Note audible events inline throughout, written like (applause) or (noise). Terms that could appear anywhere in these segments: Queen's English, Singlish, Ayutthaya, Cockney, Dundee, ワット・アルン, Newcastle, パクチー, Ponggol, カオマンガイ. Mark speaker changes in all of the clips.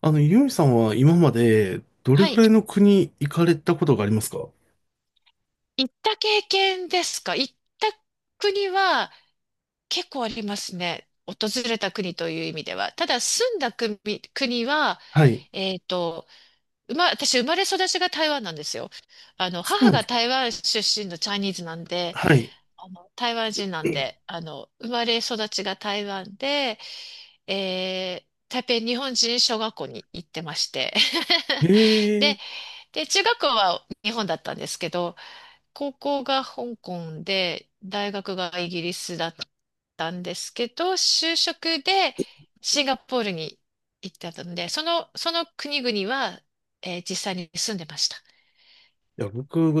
Speaker 1: ユミさんは今までどれ
Speaker 2: は
Speaker 1: く
Speaker 2: い。
Speaker 1: らいの国行かれたことがありますか？
Speaker 2: 行った経験ですか？行った国は結構ありますね。訪れた国という意味では。ただ住んだ国は、
Speaker 1: はい。
Speaker 2: えっと、私生まれ育ちが台湾なんですよ。
Speaker 1: そう
Speaker 2: 母
Speaker 1: なんで
Speaker 2: が
Speaker 1: すか？
Speaker 2: 台湾出身のチャイニーズなんで、
Speaker 1: はい。
Speaker 2: 台湾人なんで、生まれ育ちが台湾で、え台北日本人小学校に行ってまして。(laughs)
Speaker 1: ええ。
Speaker 2: で、
Speaker 1: い
Speaker 2: で、中学校は日本だったんですけど、高校が香港で、大学がイギリスだったんですけど、就職でシンガポールに行ってたので、その国々は、実際に住んでました。
Speaker 1: や、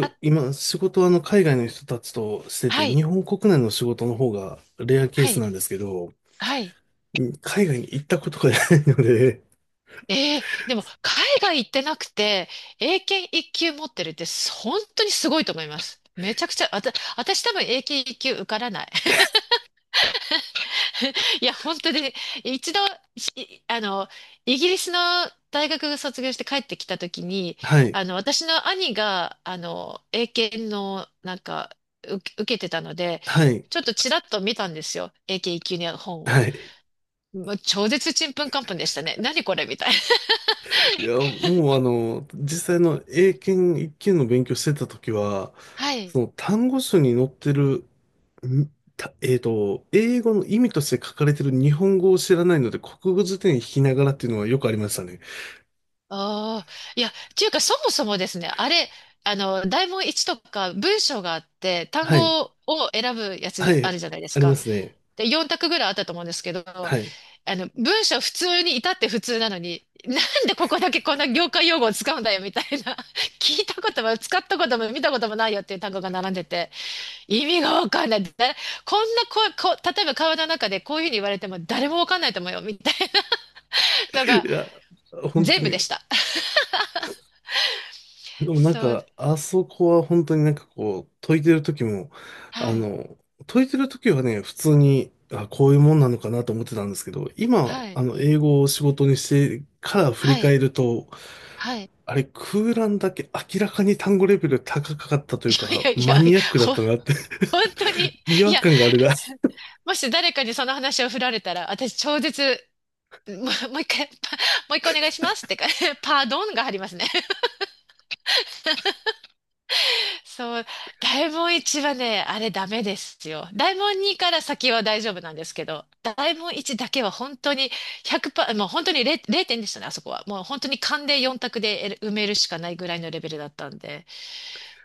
Speaker 2: あ、
Speaker 1: 今、仕事は海外の人たちとして
Speaker 2: は
Speaker 1: て、
Speaker 2: い、
Speaker 1: 日本国内の仕事の方がレアケー
Speaker 2: は
Speaker 1: ス
Speaker 2: い、
Speaker 1: なんですけど、
Speaker 2: はい。
Speaker 1: うん、海外に行ったことがないので、
Speaker 2: ええ、でも海外行ってなくて、英検一級持ってるって本当にすごいと思います。めちゃくちゃ、私多分英検一級受からない。(laughs) いや、本当で、一度、しあの、イギリスの大学卒業して帰ってきたときに、
Speaker 1: はい。
Speaker 2: 私の兄が、英検の、受けてたので、
Speaker 1: はい。
Speaker 2: ちょっとちらっと見たんですよ。英検一級の本
Speaker 1: は
Speaker 2: を。
Speaker 1: い。
Speaker 2: もう超絶ちんぷんかんぷんでしたね。何これみたいな。
Speaker 1: いや、もう実際の英検一級の勉強してた時は、
Speaker 2: は
Speaker 1: そ
Speaker 2: い。
Speaker 1: の単語書に載ってる、んたえっと、英語の意味として書かれてる日本語を知らないので、国語辞典引きながらっていうのはよくありましたね。
Speaker 2: (laughs) ああ、いや、っていうか、そもそもですね、あれ、大問1とか文章があって、単
Speaker 1: はい。
Speaker 2: 語を選ぶや
Speaker 1: は
Speaker 2: つあ
Speaker 1: い。
Speaker 2: るじゃないです
Speaker 1: ありま
Speaker 2: か。
Speaker 1: すね。
Speaker 2: で、4択ぐらいあったと思うんですけど、
Speaker 1: はい。
Speaker 2: 文章普通に至って普通なのに、なんでここだけこんな業界用語を使うんだよみたいな、(laughs) 聞いたことも使ったことも見たこともないよっていう単語が並んでて、意味がわかんない。だこんなこ、こ、例えば川の中でこういうふうに言われても誰もわかんないと思うよみたいなのが
Speaker 1: いや、本当
Speaker 2: 全部で
Speaker 1: に。
Speaker 2: した。(laughs)
Speaker 1: でもなん
Speaker 2: そう、
Speaker 1: か、あそこは本当になんかこう、解いてる時も、あ
Speaker 2: はい、
Speaker 1: の、解いてる時はね、普通に、あ、こういうもんなのかなと思ってたんですけど、今、
Speaker 2: はい、
Speaker 1: 英語を仕事にしてから振り
Speaker 2: はい、
Speaker 1: 返ると、
Speaker 2: はい。
Speaker 1: あれ、空欄だけ明らかに単語レベル高かった
Speaker 2: (laughs)
Speaker 1: とい
Speaker 2: い
Speaker 1: うか、
Speaker 2: やい
Speaker 1: マ
Speaker 2: やい
Speaker 1: ニ
Speaker 2: や、
Speaker 1: アックだったなって (laughs)
Speaker 2: 本当に、
Speaker 1: 違
Speaker 2: い
Speaker 1: 和
Speaker 2: や、
Speaker 1: 感があるな。(laughs)
Speaker 2: もし誰かにその話を振られたら、私超絶もう、(laughs) もう一回、パもう一回お願いしますってか、(laughs) パードンが入りますね。(laughs) そう、大門一はね、あれダメですよ。大門二から先は大丈夫なんですけど、大門一だけは本当に100%、もう本当に0点でしたね、あそこは。もう本当に勘で4択で埋めるしかないぐらいのレベルだったんで。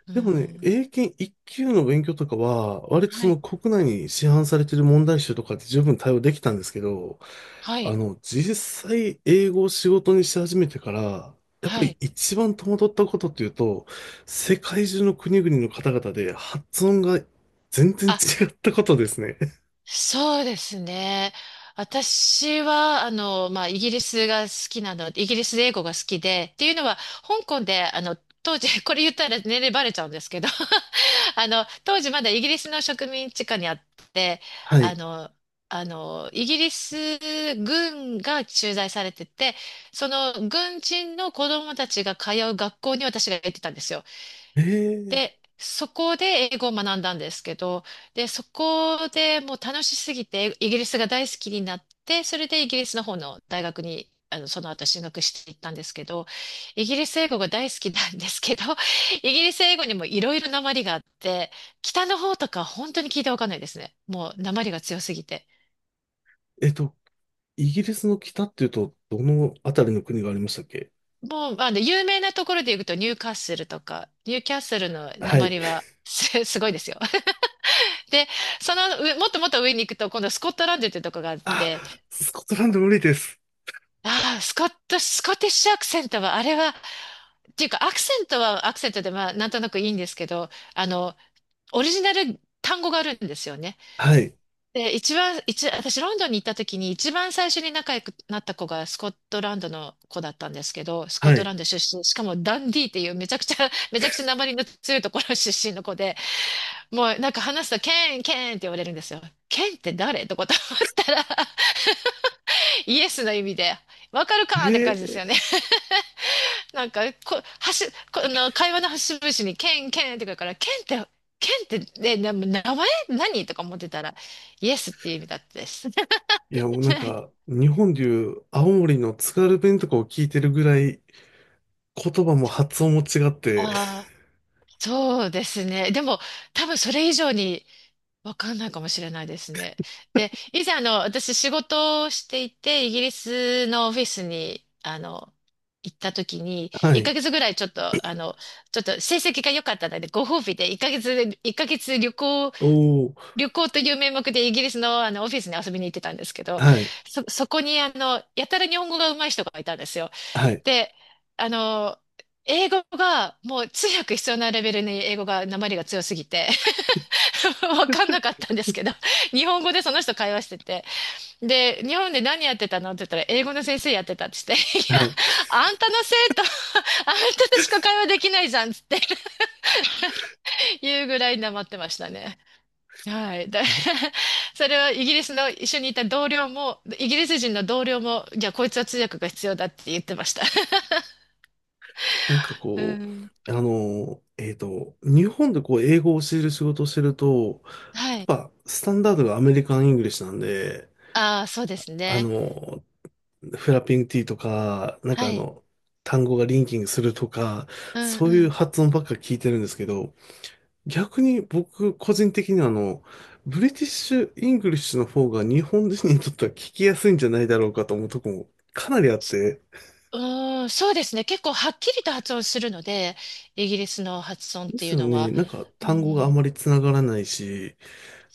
Speaker 2: う
Speaker 1: でもね、
Speaker 2: ん。
Speaker 1: 英検1級の勉強とかは、割とそ
Speaker 2: は
Speaker 1: の
Speaker 2: い。
Speaker 1: 国内に市販されてる問題集とかって十分対応できたんですけど、
Speaker 2: はい。
Speaker 1: 実際英語を仕事にし始めてから、やっぱ
Speaker 2: は
Speaker 1: り
Speaker 2: い。
Speaker 1: 一番戸惑ったことっていうと、世界中の国々の方々で発音が全然
Speaker 2: あ、
Speaker 1: 違ったことですね。(laughs)
Speaker 2: そうですね。私は、まあ、イギリスが好きなの、イギリスで英語が好きで、っていうのは、香港で、当時、(laughs) これ言ったら年齢バレちゃうんですけど、(laughs) 当時まだイギリスの植民地下にあって、
Speaker 1: は
Speaker 2: あ
Speaker 1: い。
Speaker 2: の、イギリス軍が駐在されてて、その軍人の子供たちが通う学校に私が行ってたんですよ。
Speaker 1: えー、
Speaker 2: で、そこで英語を学んだんですけど、で、そこでもう楽しすぎて、イギリスが大好きになって、それでイギリスの方の大学に、その後進学していったんですけど、イギリス英語が大好きなんですけど、(laughs) イギリス英語にもいろいろなまりがあって、北の方とか本当に聞いてわかんないですね。もうなまりが強すぎて。
Speaker 1: えっと、イギリスの北っていうと、どのあたりの国がありましたっけ？
Speaker 2: もう、有名なところで言うと、ニューカッスルとか、ニューキャッスルのな
Speaker 1: は
Speaker 2: ま
Speaker 1: い。
Speaker 2: りはすごいですよ。で、その上、もっともっと上に行くと、今度スコットランドってとこがあっ
Speaker 1: あ、
Speaker 2: て、
Speaker 1: スコットランド無理です。
Speaker 2: ああ、スコティッシュアクセントは、あれは、っていうか、アクセントはアクセントで、まあ、なんとなくいいんですけど、あの、オリジナル単語があるんですよね。
Speaker 1: はい。
Speaker 2: で、一番、一、私、ロンドンに行った時に、一番最初に仲良くなった子がスコットランドの子だったんですけど、スコッ
Speaker 1: は
Speaker 2: トラ
Speaker 1: い。
Speaker 2: ンド出身、しかもダンディーっていうめちゃくちゃ、めちゃくちゃ訛りの強いところ出身の子で、もうなんか話すと、ケン、ケンって言われるんですよ。ケンって誰とかと思ったら、(laughs) イエスの意味で、わかる
Speaker 1: え
Speaker 2: かって感じです
Speaker 1: ー、
Speaker 2: よね。(laughs) なんか、こ、はし、この、会話の節々に、ケン、ケンってくるから、ケンって、ケンって、ね、名前何とか思ってたら、イエスっていう意味だったです。(laughs)
Speaker 1: いやもうなんか、日本でいう青森の津軽弁とかを聞いてるぐらい、言葉も発音も違って、
Speaker 2: ああ、そうですね。でも、多分それ以上に、わかんないかもしれないですね。で、以前私仕事をしていて、イギリスのオフィスに、行った時に、
Speaker 1: は
Speaker 2: 1
Speaker 1: い。
Speaker 2: ヶ月ぐらいちょっと、ちょっと成績が良かったので、ご褒美で1ヶ月、一ヶ月旅行、
Speaker 1: おお、
Speaker 2: という名目でイギリスのあの、オフィスに遊びに行ってたんですけど、
Speaker 1: はい、
Speaker 2: そこにやたら日本語が上手い人がいたんですよ。
Speaker 1: はい、
Speaker 2: で、あの、英語がもう通訳必要なレベルに英語が、訛りが強すぎて、(laughs) わかんなかったんですけど、(laughs) 日本語でその人会話してて、で、日本で何やってたのって言ったら、英語の先生やってたって言って、(laughs) いや、
Speaker 1: はい。
Speaker 2: あんたの生徒、(laughs) あんたとしか会話できないじゃんっつって (laughs) 言うぐらい黙ってましたね。はい。(laughs) それはイギリスの一緒にいた同僚も、イギリス人の同僚も、いや、こいつは通訳が必要だって言ってました。(laughs)
Speaker 1: なんか
Speaker 2: う
Speaker 1: こ
Speaker 2: ん。
Speaker 1: う、日本でこう、英語を教える仕事をしてると、や
Speaker 2: は
Speaker 1: っ
Speaker 2: い。
Speaker 1: ぱ、スタンダードがアメリカン・イングリッシュなんで、
Speaker 2: ああ、そうです
Speaker 1: あ
Speaker 2: ね。
Speaker 1: の、フラッピング T とか、なんか
Speaker 2: は
Speaker 1: あ
Speaker 2: い。
Speaker 1: の、単語がリンキングするとか、
Speaker 2: うん
Speaker 1: そう
Speaker 2: う
Speaker 1: いう
Speaker 2: ん。
Speaker 1: 発音ばっか聞いてるんですけど、逆に僕、個人的にはブリティッシュ・イングリッシュの方が日本人にとっては聞きやすいんじゃないだろうかと思うとこもかなりあって、
Speaker 2: うーん、そうですね。結構はっきりと発音するので、イギリスの発音っ
Speaker 1: で
Speaker 2: てい
Speaker 1: す
Speaker 2: う
Speaker 1: よ
Speaker 2: の
Speaker 1: ね。
Speaker 2: は。
Speaker 1: なんか
Speaker 2: う
Speaker 1: 単語があ
Speaker 2: ん、
Speaker 1: まりつながらないし、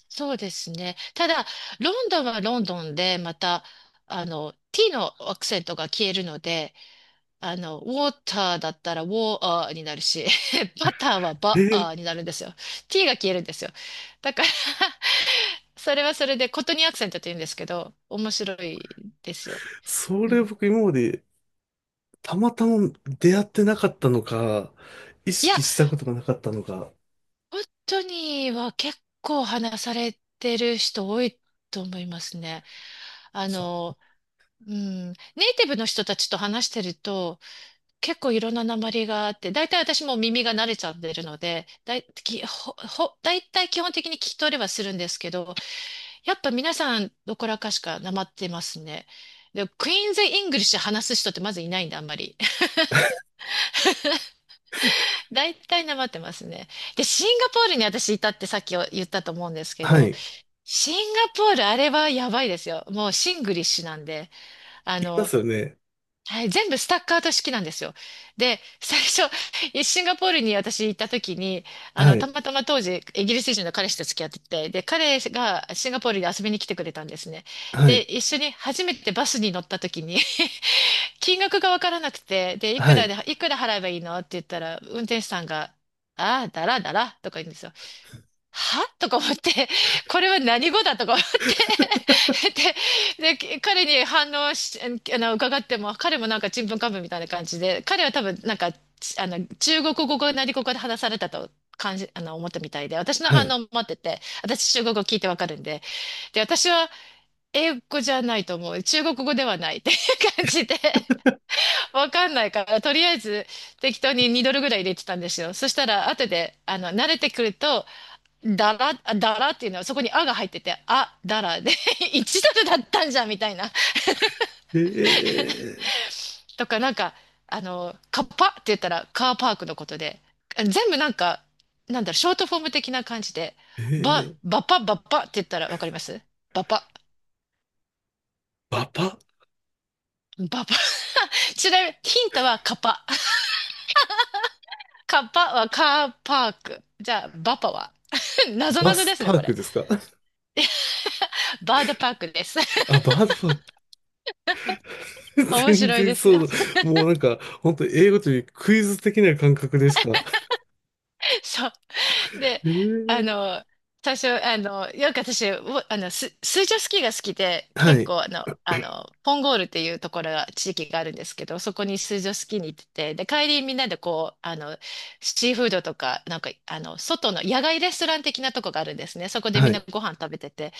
Speaker 2: そうですね。ただ、ロンドンはロンドンで、また、t のアクセントが消えるので、ウォーターだったらウォーアーになるし、(laughs) バターはバア
Speaker 1: え、
Speaker 2: ーになるんですよ。t が消えるんですよ。だから (laughs) それはそれで、コトニーアクセントって言うんですけど、面白いですよ。
Speaker 1: そ
Speaker 2: う
Speaker 1: れ
Speaker 2: ん、
Speaker 1: 僕今までたまたま出会ってなかったのか、意
Speaker 2: いや、
Speaker 1: 識したことがなかったのか。
Speaker 2: 本当には結構話されてる人多いと思いますね。あ
Speaker 1: そう。
Speaker 2: の、うん、ネイティブの人たちと話してると結構いろんな訛りがあって、大体私も耳が慣れちゃってるので、だい、き、ほ、ほ、大体基本的に聞き取れはするんですけど、やっぱ皆さんどこらかしかなまってますね。で、クイーンズ・イングリッシュ話す人ってまずいないんで、あんまり。(laughs) 大体なまってますね。で、シンガポールに私いたってさっき言ったと思うんですけ
Speaker 1: は
Speaker 2: ど、
Speaker 1: い。
Speaker 2: シンガポール、あれはやばいですよ。もうシングリッシュなんで、あ
Speaker 1: いま
Speaker 2: の、
Speaker 1: すよね。
Speaker 2: はい、全部スタッカート式なんですよ。で、最初、シンガポールに私行った時に、
Speaker 1: は
Speaker 2: た
Speaker 1: い。
Speaker 2: またま当時、イギリス人の彼氏と付き合ってて、で、彼がシンガポールに遊びに来てくれたんですね。
Speaker 1: は
Speaker 2: で、
Speaker 1: い。
Speaker 2: 一緒に初めてバスに乗った時に (laughs) 金額がわからなくて、で、
Speaker 1: はい。
Speaker 2: いくら払えばいいのって言ったら、運転手さんが、ああ、だらだらとか言うんですよ。は (laughs) とか思って、(laughs) これは何語だとか思って (laughs) で、彼に反応し、あの、伺っても、彼もなんかちんぷんかんぷんみたいな感じで、彼は多分なんか、中国語か何語かで話されたと感じ、あの、思ったみたいで、私の
Speaker 1: は
Speaker 2: 反応
Speaker 1: い。
Speaker 2: を待ってて、私中国語聞いてわかるんで、で、私は英語じゃないと思う、中国語ではないっていう感じで、(laughs) わかんないから、とりあえず適当に2ドルぐらい入れてたんですよ。そしたら、後で、慣れてくると、だらっていうのはそこにあが入ってて、あ、だらで一 (laughs) ドルだったんじゃんみたいな。
Speaker 1: えー、
Speaker 2: とかなんか、カッパって言ったらカーパークのことで、全部なんか、なんだろ、ショートフォーム的な感じで、
Speaker 1: えー、
Speaker 2: ばっぱばっぱって言ったらわかりますばっぱ。
Speaker 1: バパ、
Speaker 2: ばぱ。(laughs) ちなみにヒントはカッパ。カッパはカーパーク。じゃあ、バッパは (laughs) なぞ
Speaker 1: バ
Speaker 2: なぞ (laughs)
Speaker 1: ス
Speaker 2: です
Speaker 1: パ
Speaker 2: ね、
Speaker 1: ー
Speaker 2: こ
Speaker 1: ク
Speaker 2: れ。
Speaker 1: ですか？ (laughs)
Speaker 2: バードパークです。
Speaker 1: あ、バードパーク。
Speaker 2: (laughs)
Speaker 1: (laughs)
Speaker 2: 面
Speaker 1: 全
Speaker 2: 白い
Speaker 1: 然
Speaker 2: です。
Speaker 1: そうだ。もうなんか、本当英語というクイズ的な感覚ですか？
Speaker 2: (laughs) そう。で、
Speaker 1: え
Speaker 2: あ
Speaker 1: ー、
Speaker 2: の、最初、よく私、おあの、水上スキーが好きで、
Speaker 1: は
Speaker 2: 結
Speaker 1: い。
Speaker 2: 構、ポンゴールっていうところが、地域があるんですけど、そこに水上スキーに行ってて、で、帰りみんなでこう、シーフードとか、なんか、外の野外レストラン的なとこがあるんですね。そこでみ
Speaker 1: は
Speaker 2: んな
Speaker 1: い。
Speaker 2: ご飯食べてて、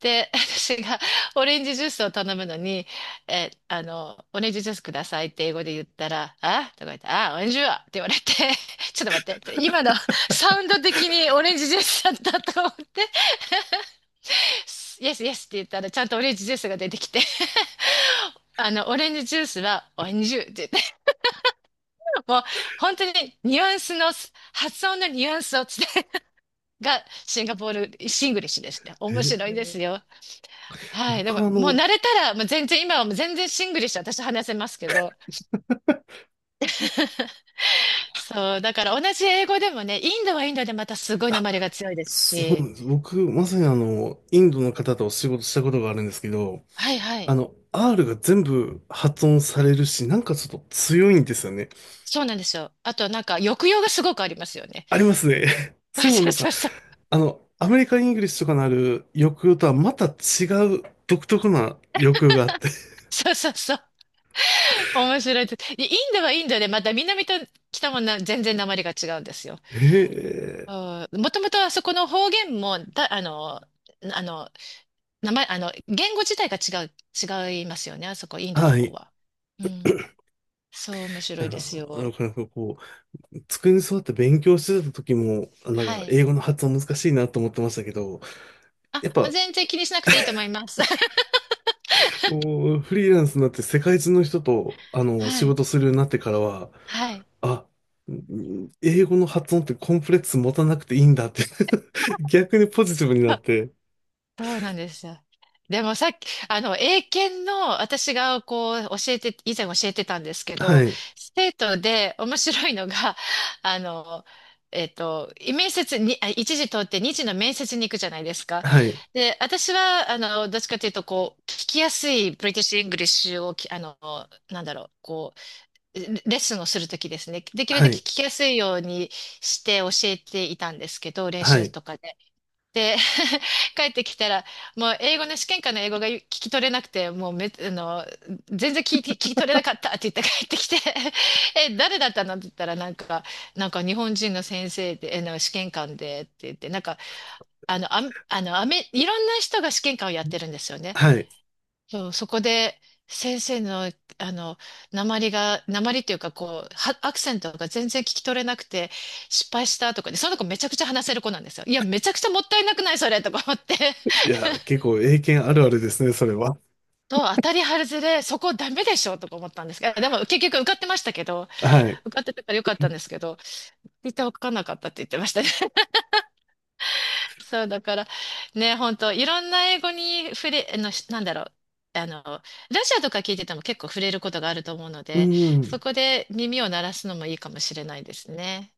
Speaker 2: で、(laughs) 私がオレンジジュースを頼むのに、え、あの、オレンジジュースくださいって英語で言ったら、あとか言って、あ、オレンジジュースって言われて、(laughs) ちょっと待って、今のサウンド的にオレンジジュースだったと思って、イエスイエスって言ったら、ちゃんとオレンジジュースが出てきて、(laughs) オレンジジュースはオレンジジュースって言って、もう本当にニュアンスの、発音のニュアンスを伝えがシンガポール、シングリッシュですね。面白いで
Speaker 1: え、
Speaker 2: すよ。はい。で
Speaker 1: 僕
Speaker 2: も、
Speaker 1: は
Speaker 2: もう慣れたら、もう全然、今はもう全然シングリッシュ私話せますけど。そう。だから同じ英語でもね、インドはインドでまたすごい
Speaker 1: あ、
Speaker 2: 訛りが強いです
Speaker 1: そうな
Speaker 2: し。
Speaker 1: んです。僕、まさにインドの方とお仕事したことがあるんですけど、
Speaker 2: はいはい。
Speaker 1: R が全部発音されるし、なんかちょっと強いんですよね。
Speaker 2: そうなんですよ。あとなんか抑揚がすごくありますよね。
Speaker 1: ありますね。(laughs)
Speaker 2: (laughs)
Speaker 1: それも
Speaker 2: そ
Speaker 1: な
Speaker 2: う
Speaker 1: んか、
Speaker 2: そうそう。
Speaker 1: アメリカン・イングリッシュとかのある抑揚とはまた違う独特な抑揚があって。
Speaker 2: そうそうそう。面白いです。でインドはインドでまた南と北も全然訛りが違うんですよ。
Speaker 1: (laughs) へえ。
Speaker 2: もともとあそこの方言も、だ、あの、あの、言語自体が違いますよね。あそこ、インドの
Speaker 1: は
Speaker 2: 方
Speaker 1: い。
Speaker 2: は。うん、そう、面
Speaker 1: あ
Speaker 2: 白いです
Speaker 1: の、
Speaker 2: よ。
Speaker 1: なんかこう、机に座って勉強してた時も、なん
Speaker 2: は
Speaker 1: か
Speaker 2: い。
Speaker 1: 英語の発音難しいなと思ってましたけど、
Speaker 2: あ、
Speaker 1: やっ
Speaker 2: まあ
Speaker 1: ぱ
Speaker 2: 全然気にしなくていいと思います。(laughs)
Speaker 1: フリーランスになって世界中の人と、
Speaker 2: は
Speaker 1: 仕
Speaker 2: い。
Speaker 1: 事するようになってからは、
Speaker 2: はい。
Speaker 1: あ、英語の発音ってコンプレックス持たなくていいんだって (laughs) 逆にポジティブになっ
Speaker 2: あ、
Speaker 1: て、
Speaker 2: そうなんですよ。でもさっき、英検の私がこう教えて、以前教えてたんですけ
Speaker 1: は
Speaker 2: ど、
Speaker 1: い、
Speaker 2: 生徒で面白いのが、(laughs) あの、面接に、あ、一時通って二次の面接に行くじゃないですか。
Speaker 1: はい、
Speaker 2: で、私は、どっちかというと、こう、聞きやすいブリティッシュ・イングリッシュをき、あの、なんだろう、こう、レッスンをするときですね。できる
Speaker 1: は
Speaker 2: だけ聞
Speaker 1: い、
Speaker 2: きやすいようにして教えていたんですけど、練
Speaker 1: は
Speaker 2: 習
Speaker 1: い、
Speaker 2: とかで。で、(laughs) 帰ってきたら、もう英語の試験官の英語が聞き取れなくて、もうめ、あの、全然聞いて、聞き取れなかったって言って帰ってきて、(laughs) え、誰だったのって言ったら、なんか日本人の先生で、えの試験官でって言って、なんか、あの、あ、いろんな人が試験官をやってるんですよね。
Speaker 1: はい。
Speaker 2: そう、そこで先生の、あの、鉛っていうか、アクセントが全然聞き取れなくて、失敗したとかで、その子めちゃくちゃ話せる子なんですよ。いや、めちゃくちゃもったいなくないそれとか思って。
Speaker 1: いや、結構英検あるあるですね、それは。
Speaker 2: 当たり外れ、そこダメでしょとか思ったんですけど、でも結局受かってましたけど、
Speaker 1: はい。
Speaker 2: 受かってたからよかったんですけど、絶対受かんなかったって言ってましたね。そう、だから、ね、本当いろんな英語に触れ、あの、しなんだろう。ラジオとか聞いてても結構触れることがあると思うの
Speaker 1: う
Speaker 2: で、
Speaker 1: ん。
Speaker 2: そこで耳を鳴らすのもいいかもしれないですね。